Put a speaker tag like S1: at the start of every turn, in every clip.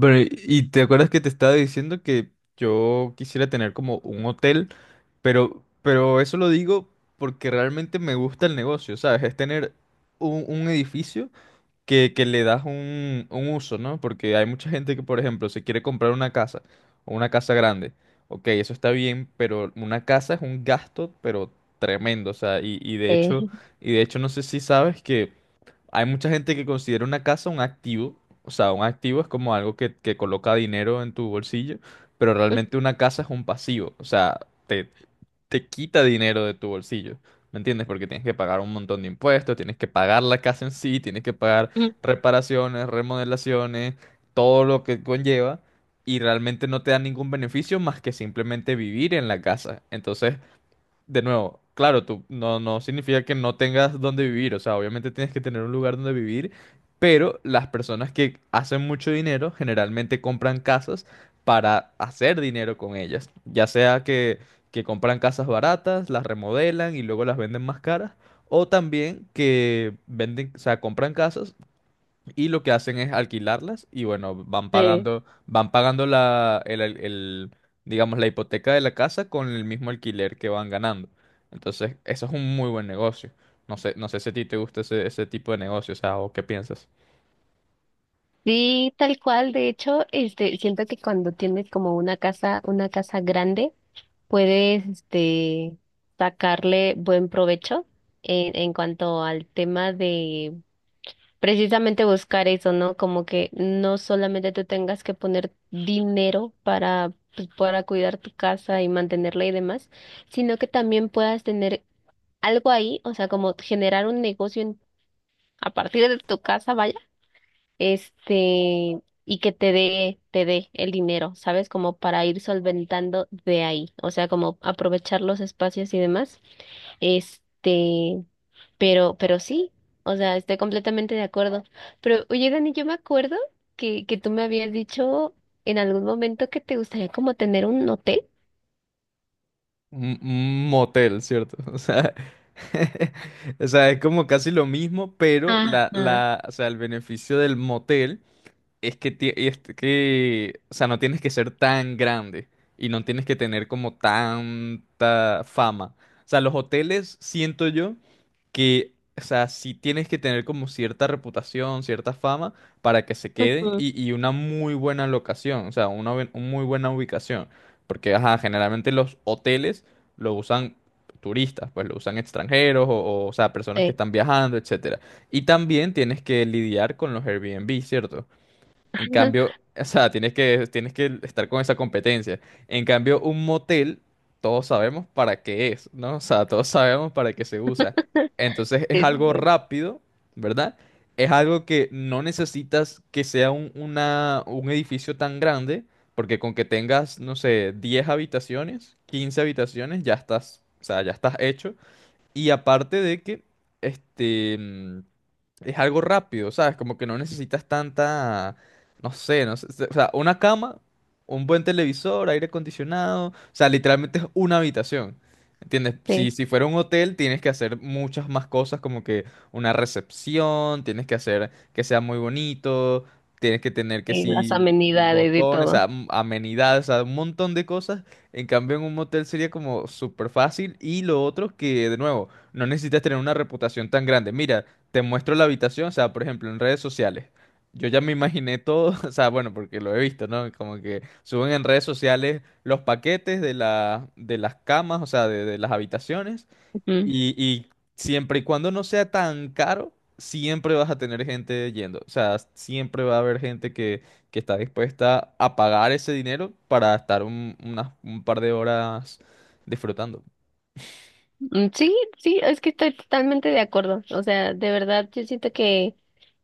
S1: Pero, y te acuerdas que te estaba diciendo que yo quisiera tener como un hotel, pero eso lo digo porque realmente me gusta el negocio, ¿sabes? Es tener un edificio que le das un uso, ¿no? Porque hay mucha gente que, por ejemplo, se quiere comprar una casa o una casa grande. Ok, eso está bien, pero una casa es un gasto, pero tremendo, o sea,
S2: Eh,
S1: y de hecho no sé si sabes que hay mucha gente que considera una casa un activo. O sea, un activo es como algo que coloca dinero en tu bolsillo, pero realmente una casa es un pasivo. O sea, te, te quita dinero de tu bolsillo. ¿Me entiendes? Porque tienes que pagar un montón de impuestos, tienes que pagar la casa en sí, tienes que pagar reparaciones, remodelaciones, todo lo que conlleva. Y realmente no te da ningún beneficio más que simplemente vivir en la casa. Entonces, de nuevo, claro, tú no significa que no tengas dónde vivir, o sea, obviamente tienes que tener un lugar donde vivir, pero las personas que hacen mucho dinero generalmente compran casas para hacer dinero con ellas, ya sea que compran casas baratas, las remodelan y luego las venden más caras, o también que venden, o sea, compran casas y lo que hacen es alquilarlas y bueno,
S2: sí.
S1: van pagando la, el, al- el, digamos, la hipoteca de la casa con el mismo alquiler que van ganando. Entonces, eso es un muy buen negocio. No sé si a ti te gusta ese tipo de negocio, o sea, o qué piensas.
S2: Sí, tal cual. De hecho, siento que cuando tienes como una casa grande, puedes, sacarle buen provecho en cuanto al tema de precisamente buscar eso, ¿no? Como que no solamente tú tengas que poner dinero para, pues, para cuidar tu casa y mantenerla y demás, sino que también puedas tener algo ahí, o sea, como generar un negocio a partir de tu casa, y que te dé el dinero, ¿sabes? Como para ir solventando de ahí, o sea, como aprovechar los espacios y demás. Este, pero sí, o sea, estoy completamente de acuerdo. Pero, oye, Dani, yo me acuerdo que tú me habías dicho en algún momento que te gustaría como tener un hotel.
S1: Un motel, ¿cierto? O sea, o sea, es como casi lo mismo, pero
S2: ah ah,
S1: o sea, el beneficio del motel es que, o sea, no tienes que ser tan grande y no tienes que tener como tanta fama. O sea, los hoteles, siento yo, que, o sea, sí tienes que tener como cierta reputación, cierta fama para que se queden
S2: Ujú.
S1: y una muy buena locación, o sea, una, una muy buena ubicación. Porque, ajá, generalmente los hoteles lo usan turistas, pues lo usan extranjeros o sea, personas que
S2: Sí.
S1: están viajando, etcétera. Y también tienes que lidiar con los Airbnb, ¿cierto? En cambio, o sea, tienes que estar con esa competencia. En cambio, un motel, todos sabemos para qué es, ¿no? O sea, todos sabemos para qué se usa. Entonces es
S2: Sí,
S1: algo
S2: sí,
S1: rápido, ¿verdad? Es algo que no necesitas que sea un edificio tan grande, porque con que tengas, no sé, 10 habitaciones, 15 habitaciones, ya estás, o sea, ya estás hecho. Y aparte de que, este, mm, es algo rápido, ¿sabes? Como que no necesitas tanta, no sé, o sea, una cama, un buen televisor, aire acondicionado, o sea, literalmente es una habitación. ¿Entiendes?
S2: sí,
S1: Si fuera un hotel, tienes que hacer muchas más cosas, como que una recepción, tienes que hacer que sea muy bonito, tienes que tener que
S2: sí, las
S1: sí,
S2: amenidades y
S1: botones,
S2: todo.
S1: amenidades, o sea, un montón de cosas. En cambio, en un motel sería como súper fácil. Y lo otro que, de nuevo, no necesitas tener una reputación tan grande. Mira, te muestro la habitación, o sea, por ejemplo, en redes sociales. Yo ya me imaginé todo, o sea, bueno, porque lo he visto, ¿no? Como que suben en redes sociales los paquetes de la, de las camas, o sea, de las habitaciones. Y siempre y cuando no sea tan caro, siempre vas a tener gente yendo. O sea, siempre va a haber gente que está dispuesta a pagar ese dinero para estar un par de horas disfrutando.
S2: Mm, sí, sí, es que estoy totalmente de acuerdo. O sea, de verdad, yo siento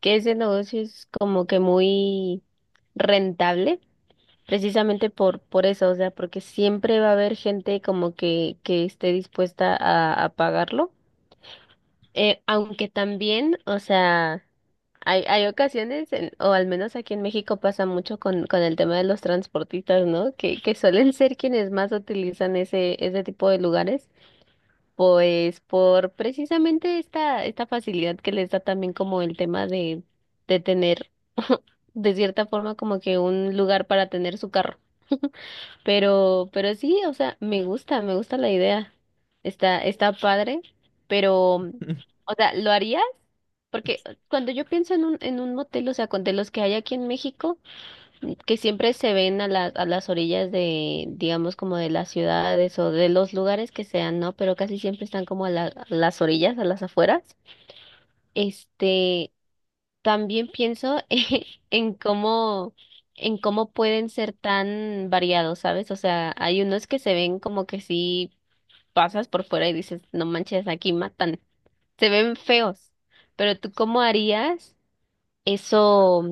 S2: que ese negocio es como que muy rentable, precisamente por eso, o sea, porque siempre va a haber gente como que esté dispuesta a pagarlo. Aunque también, o sea, hay ocasiones, o al menos aquí en México pasa mucho con el tema de los transportistas, ¿no? Que suelen ser quienes más utilizan ese tipo de lugares pues por precisamente esta facilidad que les da también como el tema de tener de cierta forma como que un lugar para tener su carro. Pero sí, o sea, me gusta la idea. Está padre, pero, o sea, ¿lo harías? Porque cuando yo pienso en un motel, o sea, con de los que hay aquí en México, que siempre se ven a a las orillas de, digamos, como de las ciudades o de los lugares que sean, ¿no? Pero casi siempre están como a las orillas, a las afueras. Este, También pienso en cómo, en cómo pueden ser tan variados, ¿sabes? O sea, hay unos que se ven como que si pasas por fuera y dices, no manches, aquí matan. Se ven feos. Pero tú, ¿cómo harías eso,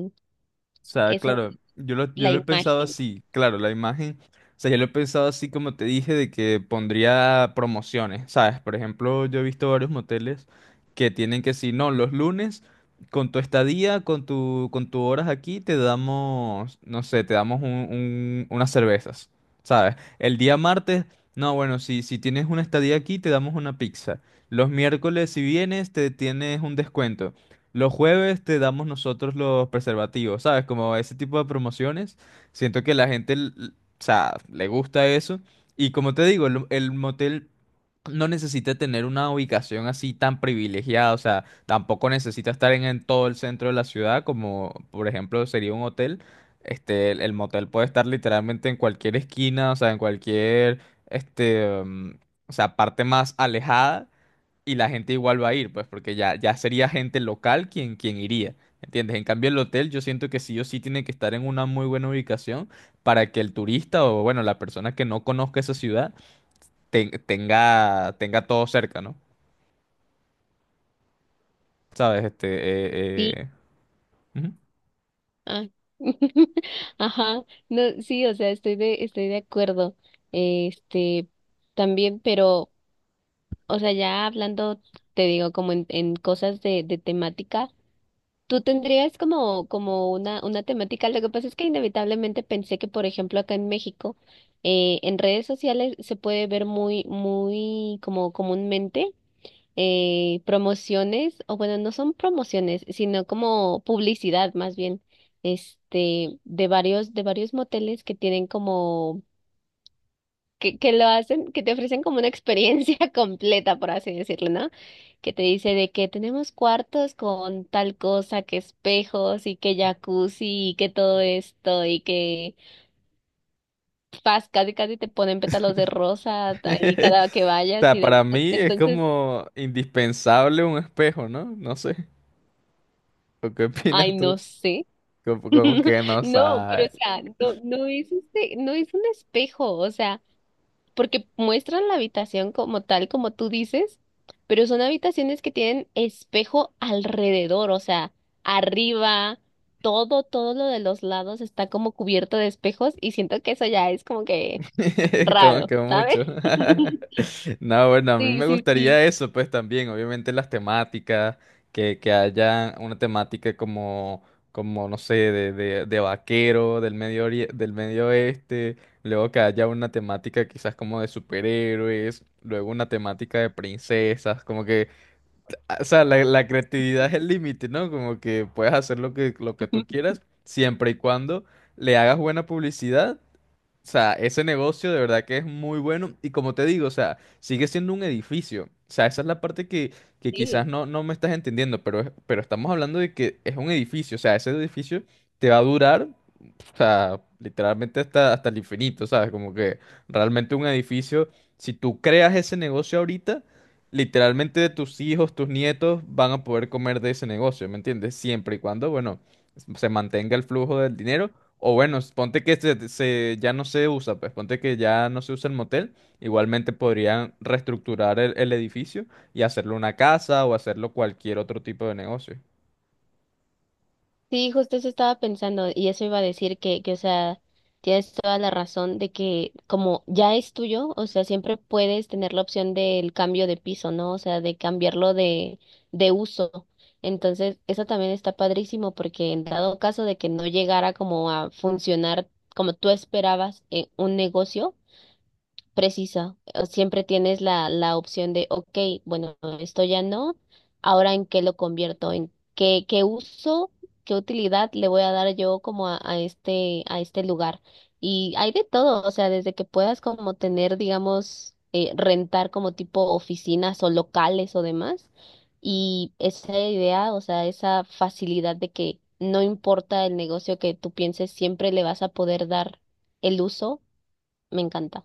S1: O sea,
S2: eso,
S1: claro, yo lo, yo
S2: la
S1: lo he pensado
S2: imagen?
S1: así, claro, la imagen, o sea, yo lo he pensado así como te dije, de que pondría promociones, ¿sabes? Por ejemplo, yo he visto varios moteles que tienen que si no, los lunes, con tu estadía, con tu, con tus horas aquí, te damos, no sé, te damos unas cervezas, ¿sabes? El día martes, no, bueno, si tienes una estadía aquí, te damos una pizza. Los miércoles, si vienes, te tienes un descuento. Los jueves te damos nosotros los preservativos, ¿sabes? Como ese tipo de promociones. Siento que la gente, o sea, le gusta eso. Y como te digo, el motel no necesita tener una ubicación así tan privilegiada, o sea, tampoco necesita estar en todo el centro de la ciudad, como por ejemplo sería un hotel. Este, el motel puede estar literalmente en cualquier esquina, o sea, en cualquier, este, mm, o sea, parte más alejada y la gente igual va a ir, pues, porque ya sería gente local quien, quien iría, ¿entiendes? En cambio, el hotel yo siento que sí o sí tiene que estar en una muy buena ubicación para que el turista o, bueno, la persona que no conozca esa ciudad tenga todo cerca, ¿no? ¿Sabes?
S2: Sí.
S1: Ujú.
S2: Ah, ajá, no, sí, o sea, estoy de acuerdo. Este, También, pero, o sea, ya hablando, te digo, como en cosas de temática, tú tendrías como, como una temática. Lo que pasa es que inevitablemente pensé que, por ejemplo, acá en México, en redes sociales se puede ver muy como comúnmente promociones, o bueno, no son promociones, sino como publicidad más bien, de varios moteles que tienen como, que lo hacen, que te ofrecen como una experiencia completa, por así decirlo, ¿no? Que te dice de que tenemos cuartos con tal cosa, que espejos y que jacuzzi y que todo esto y que pas, casi casi te ponen pétalos de rosa ahí cada que
S1: O
S2: vayas
S1: sea,
S2: y
S1: para
S2: demás.
S1: mí es
S2: Entonces,
S1: como indispensable un espejo, ¿no? No sé. ¿O qué opinas
S2: ay,
S1: tú?
S2: no sé.
S1: Como, como que no
S2: No, pero
S1: sabes.
S2: o sea, no es no es un espejo, o sea, porque muestran la habitación como tal, como tú dices, pero son habitaciones que tienen espejo alrededor, o sea, arriba, todo lo de los lados está como cubierto de espejos y siento que eso ya es como que
S1: Como
S2: raro,
S1: que
S2: ¿sabes?
S1: mucho. No, bueno, a mí
S2: Sí,
S1: me
S2: sí, sí.
S1: gustaría eso, pues también, obviamente las temáticas, que haya una temática como, como no sé, de vaquero del Medio Oeste, luego que haya una temática quizás como de superhéroes, luego una temática de princesas, como que, o sea, la creatividad es el límite, ¿no? Como que puedes hacer lo que tú quieras, siempre y cuando le hagas buena publicidad. O sea, ese negocio de verdad que es muy bueno y como te digo, o sea, sigue siendo un edificio. O sea, esa es la parte que
S2: Sí.
S1: quizás no me estás entendiendo, pero, es- pero estamos hablando de que es un edificio. O sea, ese edificio te va a durar, o sea, literalmente hasta el infinito, ¿sabes? Como que realmente un edificio, si tú creas ese negocio ahorita, literalmente tus hijos, tus nietos van a poder comer de ese negocio, ¿me entiendes? Siempre y cuando, bueno, se mantenga el flujo del dinero o bueno, ponte que ya no se usa, pues ponte que ya no se usa el motel, igualmente podrían reestructurar el edificio y hacerlo una casa o hacerlo cualquier otro tipo de negocio.
S2: Sí, justo eso estaba pensando y eso iba a decir o sea, tienes toda la razón de que como ya es tuyo, o sea, siempre puedes tener la opción del cambio de piso, ¿no? O sea, de cambiarlo de uso. Entonces, eso también está padrísimo porque en dado caso de que no llegara como a funcionar como tú esperabas en un negocio, precisa. O siempre tienes la opción de, ok, bueno, esto ya no, ahora en qué lo convierto, en qué, qué uso, qué utilidad le voy a dar yo como a este lugar. Y hay de todo, o sea, desde que puedas como tener, digamos, rentar como tipo oficinas o locales o demás. Y esa idea, o sea, esa facilidad de que no importa el negocio que tú pienses, siempre le vas a poder dar el uso, me encanta.